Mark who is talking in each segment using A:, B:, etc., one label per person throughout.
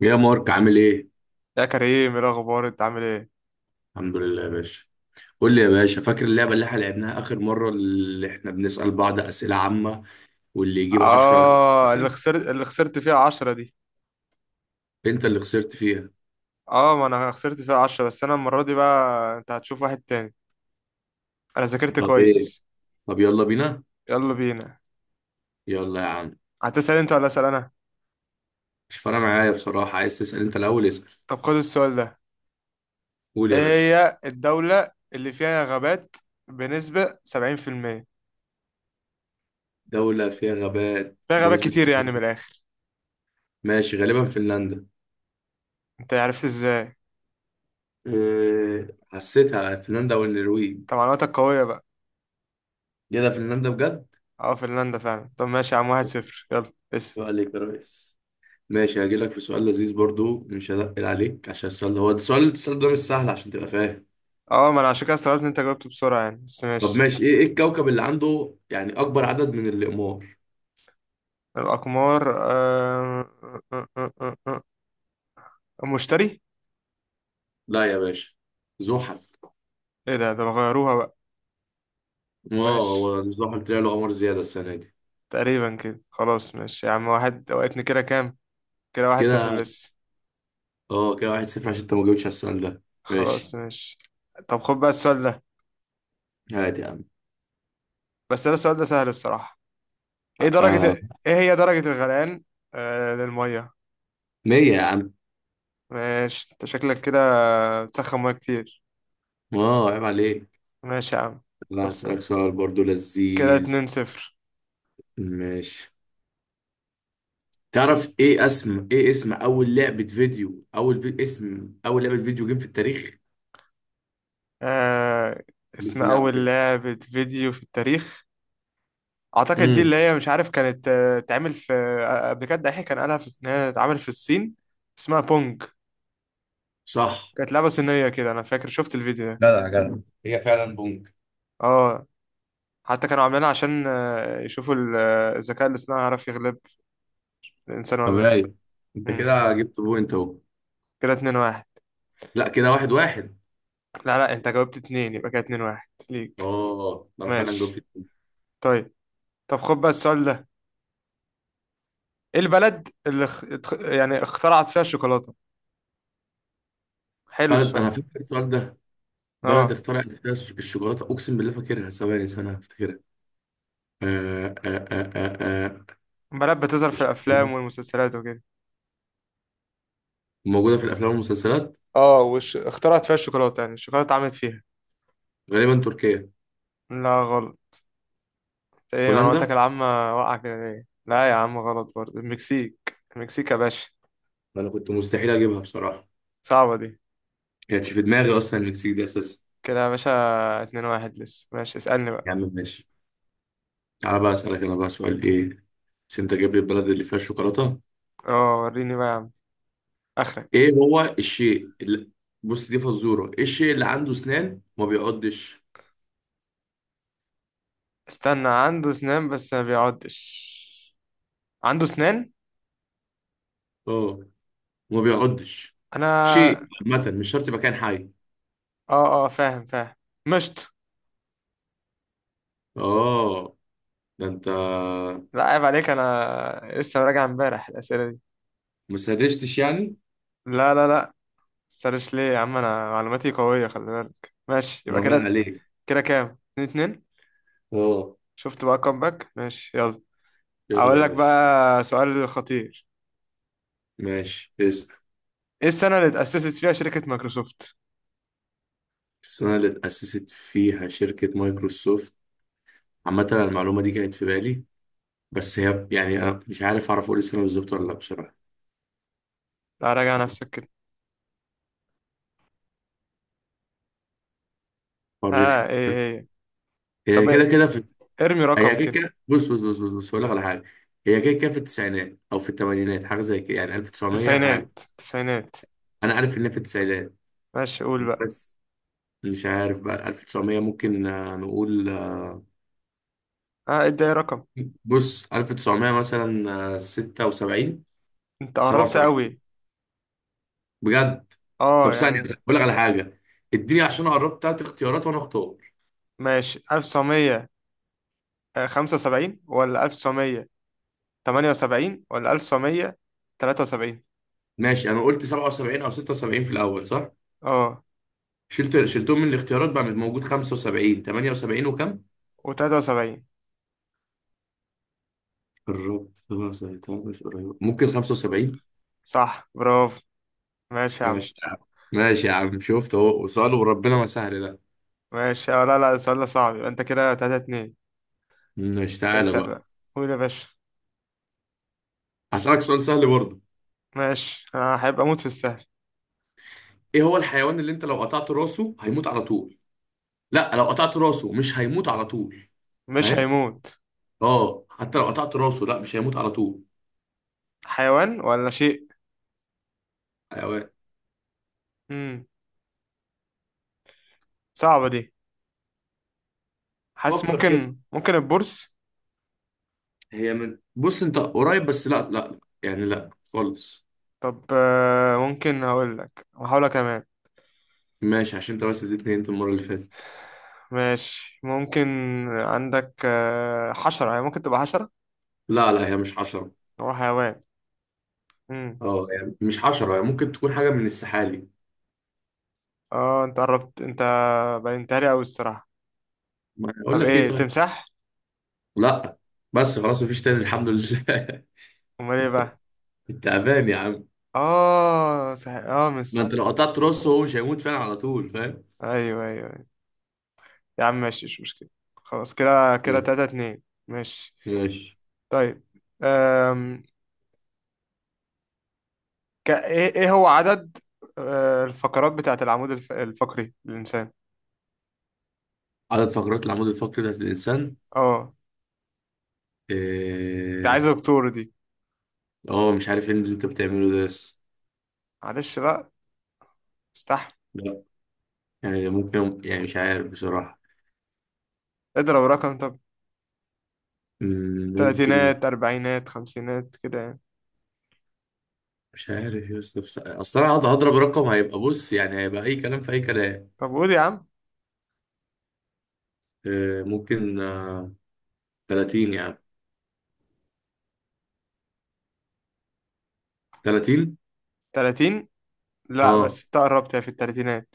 A: يا مارك عامل ايه؟
B: يا كريم، ايه الاخبار؟ انت عامل ايه؟
A: الحمد لله يا باشا. قول لي يا باشا، فاكر اللعبة اللي احنا لعبناها آخر مرة، اللي احنا بنسأل بعض أسئلة عامة واللي يجيب 10؟
B: اه، اللي خسرت فيها 10 دي.
A: انت اللي خسرت فيها.
B: اه، ما انا خسرت فيها 10، بس انا المرة دي بقى انت هتشوف واحد تاني. انا ذاكرت
A: طب ايه؟
B: كويس.
A: طب يلا بينا.
B: يلا بينا.
A: يلا يا عم.
B: هتسأل انت ولا اسأل انا؟
A: مش فارقة معايا بصراحة، عايز تسأل انت الأول اسأل.
B: طب خد السؤال ده.
A: قول يا
B: ايه
A: باشا.
B: هي الدولة اللي فيها غابات بنسبة 70%؟
A: دولة فيها غابات
B: فيها غابات
A: بنسبة
B: كتير يعني
A: 70؟
B: من الاخر.
A: ماشي، غالبا فنلندا.
B: انت عرفت ازاي؟
A: حسيتها فنلندا والنرويج.
B: طب معلوماتك قوية بقى.
A: ايه ده، فنلندا بجد؟
B: اه فنلندا فعلا. طب ماشي يا عم، 1-0، يلا اسأل.
A: يبقى عليك يا ريس. ماشي، هجيلك في سؤال لذيذ برضو، مش هنقل عليك. عشان السؤال ده هو السؤال، السؤال ده مش سهل عشان تبقى فاهم.
B: اه، ما انا عشان كده استغربت ان انت جاوبت بسرعة يعني، بس
A: طب
B: ماشي.
A: ماشي، ايه الكوكب اللي عنده يعني اكبر عدد من الاقمار؟
B: الأقمار، مشتري.
A: لا يا باشا، زحل.
B: ايه ده؟ ده غيروها بقى.
A: اه، هو
B: ماشي.
A: زحل طلع له قمر زيادة السنة دي.
B: تقريبا كده، خلاص ماشي يا عم واحد. وقتني كده كام؟ كده واحد
A: كده.
B: صفر لسه.
A: اه، كده واحد صفر، عشان انت ما جاوبتش على السؤال ده.
B: خلاص
A: ماشي.
B: ماشي. طب خد بقى السؤال ده.
A: هات يا عم.
B: بس ده السؤال ده سهل الصراحة.
A: آه،
B: ايه هي درجة الغليان؟ للمية.
A: مية يا عم.
B: ماشي، انت شكلك كده بتسخن مية كتير.
A: اه عيب عليك.
B: ماشي يا عم.
A: لا هسألك
B: خلصان.
A: سؤال برضو
B: كده اتنين
A: لذيذ.
B: صفر
A: ماشي. تعرف ايه اسم ايه اسم اول لعبة فيديو اول في... اسم اول لعبة فيديو جيم في التاريخ؟
B: آه
A: اللي
B: اسم
A: في اللعب
B: أول
A: كده.
B: لعبة فيديو في التاريخ. اعتقد دي
A: امم.
B: اللي هي مش عارف كانت، اتعمل في، قبل كده دحيح كان قالها في، ان هي اتعمل في الصين. اسمها بونج.
A: صح.
B: كانت لعبه صينيه كده، انا فاكر شفت الفيديو ده.
A: جدع جدع، هي فعلا بونج.
B: اه، حتى كانوا عاملينها عشان يشوفوا الذكاء الاصطناعي هيعرف يغلب الانسان
A: طب
B: ولا لا.
A: رايق، انت
B: امم.
A: كده جبت بوينت اهو.
B: كده 2-1.
A: لا، كده واحد واحد.
B: لا لا، انت جاوبت 2، يبقى كده 2-1 ليك.
A: اه، ده انا فعلا جبت
B: ماشي،
A: الاتنين.
B: طيب. طب خد بقى السؤال ده. ايه البلد اللي يعني اخترعت فيها الشوكولاته؟ حلو
A: بلد،
B: السؤال
A: انا
B: ده.
A: فاكر السؤال ده. بلد
B: اه،
A: اخترعت فيها الشوكولاته، اقسم بالله فاكرها، ثواني، ثانيه هفتكرها. آه آه آه آه آه.
B: بلد بتظهر في الافلام
A: الشوكولاتة
B: والمسلسلات وكده.
A: موجوده في الافلام والمسلسلات.
B: اه، وش اخترعت فيها الشوكولاتة، يعني الشوكولاتة اتعملت فيها.
A: غالبا تركيا.
B: لا غلط. ايه
A: هولندا.
B: معلوماتك العامة. واقعة كده ليه، لا يا عم غلط برضه. المكسيك، المكسيك يا باشا.
A: انا كنت مستحيل اجيبها بصراحه،
B: صعبة دي.
A: كانتش في دماغي اصلا المكسيك دي اساسا.
B: كده يا باشا 2-1 لسه، ماشي اسألني بقى.
A: يا عم ماشي. تعالى بقى اسالك انا بقى سؤال ايه، عشان انت جايب لي البلد اللي فيها الشوكولاته.
B: اه وريني بقى يا عم اخرك.
A: ايه هو الشيء اللي، بص دي فزوره، ايه الشيء اللي عنده اسنان وما بيعضش؟
B: استنى، عنده اسنان بس ما بيعضش. عنده اسنان.
A: اه، وما بيعضش.
B: انا.
A: شيء عامه، مش شرط يبقى كائن حي.
B: اه اه فاهم فهم. مشط.
A: اه. ده انت.
B: لا عيب عليك، انا لسه راجع امبارح الاسئلة دي.
A: ما سرشتش يعني.
B: لا لا لا. سرش ليه يا عم، انا معلوماتي قوية خلي بالك، ماشي يبقى
A: ما باين
B: كده.
A: عليك.
B: كده كام؟ 2-2.
A: اه.
B: شفت بقى كومباك. ماشي يلا.
A: يلا
B: هقول
A: يا
B: لك
A: باشا.
B: بقى سؤال خطير.
A: ماشي اسأل.
B: ايه السنة اللي اتأسست فيها شركة مايكروسوفت؟
A: السنة اللي اتأسست فيها شركة مايكروسوفت. عامة أنا المعلومة دي كانت في بالي، بس هي يعني أنا مش عارف أعرف أقول السنة بالظبط ولا لأ بصراحة.
B: لا راجع نفسك كده.
A: فرخي.
B: ها ايه هي؟
A: هي
B: طب
A: كده
B: إيه؟
A: كده في.
B: ارمي
A: هي
B: رقم
A: كده
B: كده.
A: كده، بص هقول لك على حاجه. هي كده كده في التسعينات او في الثمانينات، حاجه زي كده يعني 1900 حاجه.
B: تسعينات تسعينات.
A: انا عارف ان هي في التسعينات.
B: ماشي قول بقى.
A: بس مش عارف بقى، 1900 ممكن نقول.
B: ها ادي اي رقم.
A: بص 1900 مثلا. 76.
B: انت قربت
A: 77
B: قوي.
A: بجد؟ طب
B: اه
A: ثانيه
B: يعني.
A: بقول لك على حاجه. اديني، عشان قربت تلات اختيارات وانا اختار.
B: ماشي، 1975 ولا 1978 ولا 1973.
A: ماشي. انا قلت 77 او 76 في الاول صح؟
B: اه
A: شلتهم من الاختيارات. بقى موجود 75، 78 وكم؟
B: و73.
A: قربت سبعة سنتين، قريب، ممكن خمسة وسبعين.
B: صح برافو. ماشي يا عم.
A: ماشي يا عم، ماشي يا عم، شفت اهو سؤال وربنا ما سهل ده.
B: ماشي أه. لا لا السؤال ده صعب، يبقى انت كده 3-2.
A: ماشي. تعالى
B: اسأل
A: بقى.
B: بقى. قول يا باشا.
A: هسألك سؤال سهل برضه.
B: ماشي انا هيبقى اموت في السهل.
A: ايه هو الحيوان اللي انت لو قطعت راسه هيموت على طول؟ لا، لو قطعت راسه مش هيموت على طول،
B: مش
A: فاهم؟
B: هيموت.
A: اه حتى لو قطعت راسه لا، مش هيموت على طول.
B: حيوان ولا شيء؟
A: حيوان.
B: امم. صعبة دي. حاسس،
A: فكر كده.
B: ممكن البورس.
A: هي من، بص انت قريب بس لا لا لا، يعني لا خالص.
B: طب ممكن، هقول لك كمان.
A: ماشي، عشان انت بس اديتني انت المرة اللي فاتت.
B: ماشي ممكن. عندك حشرة، يعني ممكن تبقى حشرة.
A: لا لا، هي مش حشرة.
B: هو حيوان. امم.
A: اه يعني مش حشرة، يعني ممكن تكون حاجة من السحالي.
B: اه انت قربت انت. بينتهي قوي الصراحة.
A: ما اقول
B: طب
A: لك ايه
B: ايه،
A: طيب؟
B: تمساح؟
A: لا. بس خلاص مفيش تاني، الحمد لله.
B: امال ايه بقى؟
A: انت امان يا عم.
B: اه صحيح اه
A: ما انت
B: مس.
A: لو قطعت راسه هو مش هيموت فعلا على طول، فاهم.
B: ايوه ايوه أيوة. يا عم ماشي، مش مشكلة. خلاص كده كده
A: يا-
B: 3-2، ماشي.
A: ماشي.
B: طيب. أم... ك... ايه إيه هو عدد الفقرات بتاعت العمود الفقري للإنسان؟
A: عدد فقرات العمود الفقري بتاعت الانسان.
B: اه انت عايز
A: إيه،
B: دكتور دي.
A: اه مش عارف ايه اللي انت بتعمله ده بس.
B: معلش بقى، استحمل.
A: لا. يعني ممكن، يعني مش عارف بصراحة.
B: اضرب رقم طب.
A: ممكن.
B: تلاتينات أربعينات خمسينات كده يعني.
A: مش عارف يا اسطى، اصل انا هقعد هضرب رقم هيبقى، بص يعني هيبقى اي كلام في اي كلام.
B: طب قول يا عم.
A: ممكن 30 يعني. 30.
B: تلاتين. لا
A: اه
B: بس انت قربت، هي في التلاتينات.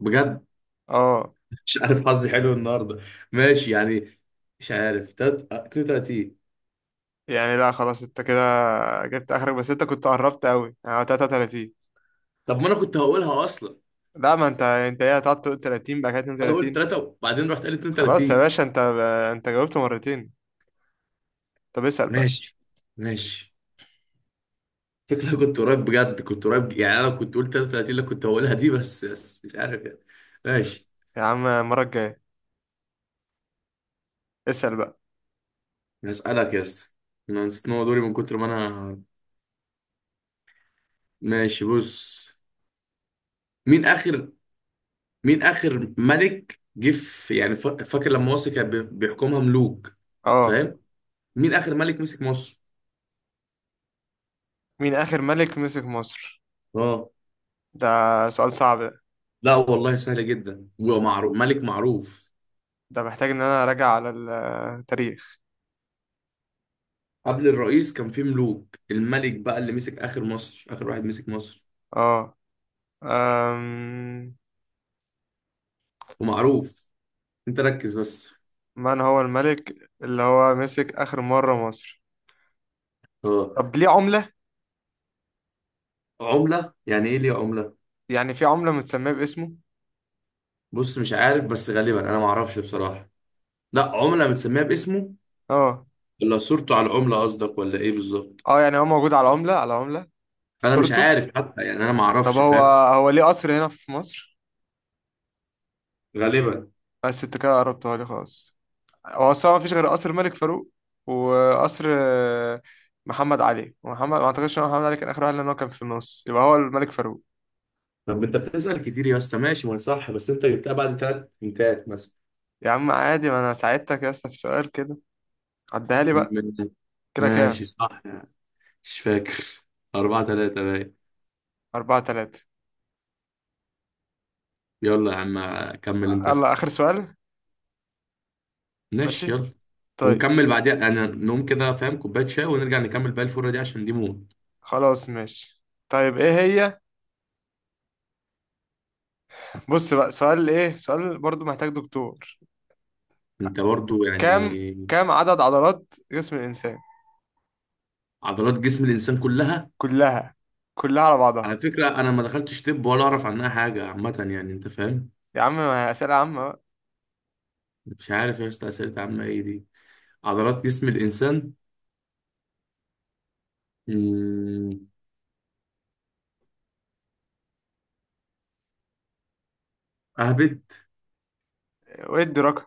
A: بجد؟
B: اه
A: مش عارف، حظي حلو النهارده. ماشي يعني. مش عارف 32.
B: يعني. لا خلاص انت كده جبت اخرك، بس انت كنت قربت قوي يعني 33.
A: طب ما انا كنت هقولها اصلا.
B: لا، ما انت ايه، هتقعد تقول 30 بقى
A: انا قلت
B: 32.
A: 3 وبعدين رحت قال
B: خلاص يا
A: 32.
B: باشا انت، انت جاوبت مرتين. طب اسأل بقى.
A: ماشي. ماشي. فكرة كنت قريب بجد، كنت قريب يعني، انا كنت قلت 33 اللي كنت هقولها دي، بس مش عارف يعني. ماشي.
B: يا عم المرة الجاية، اسأل بقى.
A: هسألك يا اسطى. انا نسيت ان هو دوري من كتر ما انا. ماشي، بص. مين اخر مين اخر ملك جه في- يعني فا- فاكر لما مصر كان بيحكمها ملوك،
B: اه،
A: فاهم؟ مين اخر ملك مسك مصر.
B: مين اخر ملك مسك مصر؟
A: اه.
B: ده سؤال صعب ده.
A: لا والله سهلة جدا ومعروف، ملك معروف.
B: ده محتاج ان انا اراجع على التاريخ.
A: قبل الرئيس كان في ملوك، الملك بقى اللي مسك آخر مصر، آخر واحد مسك مصر.
B: اه. أم...
A: ومعروف. انت ركز بس.
B: من هو الملك اللي هو مسك اخر مرة مصر؟
A: اه.
B: طب ليه عملة؟
A: عملة يعني ايه ليه عملة؟
B: يعني في عملة متسمية باسمه.
A: بص مش عارف، بس غالبا انا ما اعرفش بصراحة. لا عملة متسميها باسمه.
B: اه،
A: ولا صورته على العملة قصدك ولا ايه بالظبط؟
B: اه يعني هو موجود على عملة، على عملة
A: انا مش
B: صورته.
A: عارف حتى يعني، انا ما
B: طب
A: اعرفش،
B: هو،
A: فاهم.
B: هو ليه قصر هنا في مصر.
A: غالبا.
B: بس انت كده قربتها لي خالص. هو اصلا مفيش غير قصر الملك فاروق وقصر محمد علي. ومحمد، ما اعتقدش ان محمد علي كان اخر واحد، لان هو كان في النص. يبقى هو الملك فاروق.
A: طب انت بتسأل كتير يا اسطى، ماشي ما أنا صح، بس انت جبتها بعد ثلاث بنتات مثلا.
B: يا عم عادي، ما انا ساعدتك يا اسطى في سؤال كده. عدها لي بقى.
A: م-
B: كده
A: ماشي
B: كام؟
A: صح. مش فاكر. أربعة تلاتة باين.
B: 4-3.
A: يلا يا عم، كمل أنت
B: يلا
A: اسأل.
B: آخر سؤال.
A: ماشي
B: ماشي
A: يلا.
B: طيب.
A: ونكمل بعديها، أنا نقوم كده، فاهم، كوباية شاي ونرجع نكمل بقى الفرة دي، عشان دي موت.
B: خلاص ماشي. طيب ايه هي. بص بقى سؤال، ايه سؤال برضو محتاج دكتور.
A: أنت برضو يعني.
B: كام كام عدد عضلات جسم الإنسان
A: عضلات جسم الإنسان كلها.
B: كلها؟ كلها على بعضها.
A: على فكرة أنا ما دخلتش طب ولا أعرف عنها حاجة، عامة يعني أنت فاهم.
B: يا عم ما هي أسئلة عامة بقى.
A: مش عارف يا أسطى، أسئلة عامة إيه دي؟ عضلات جسم الإنسان. مم، أهبد.
B: وادي رقم.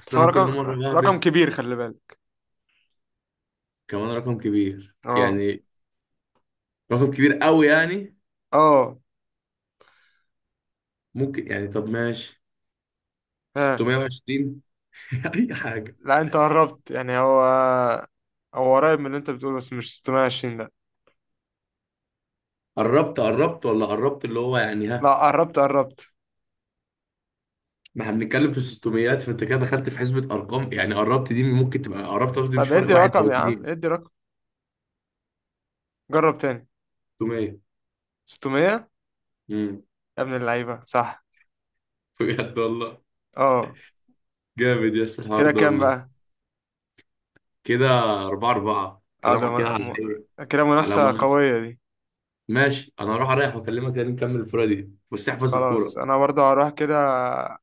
A: أصل
B: بس هو
A: أنا كل مرة
B: رقم، رقم
A: بهبد.
B: كبير خلي بالك.
A: كمان رقم كبير
B: اه
A: يعني؟ رقم كبير أوي يعني؟
B: اه.
A: ممكن يعني، طب ماشي،
B: ها.
A: 620. اي حاجه.
B: لا انت قربت، يعني هو، هو قريب من اللي انت بتقوله بس مش 620، لا.
A: قربت قربت ولا قربت اللي هو يعني ها؟
B: لا قربت قربت.
A: ما احنا بنتكلم في 600، فانت كده دخلت في حسبه ارقام يعني، قربت دي ممكن تبقى قربت قصدي، مش
B: طب
A: فرق
B: ادي
A: واحد او
B: رقم يا عم،
A: اتنين.
B: ادي رقم جرب تاني.
A: 600.
B: 600.
A: امم.
B: يا ابن اللعيبة صح.
A: بجد والله؟
B: اه
A: جامد يا اسطى الحوار
B: كده
A: ده
B: كام
A: والله.
B: بقى؟
A: كده 4 4
B: اه ده.
A: كلام كده على ايه؟
B: كده
A: على
B: منافسة
A: منافسه.
B: قوية دي.
A: ماشي، انا هروح اريح واكلمك تاني نكمل الفوره دي، بس احفظ
B: خلاص
A: الفوره.
B: انا برضه هروح كده،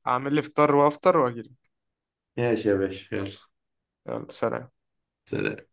B: اعمل لي فطار وافطر واجيلك.
A: ماشي يا باشا يلا.
B: يلا سلام.
A: سلام.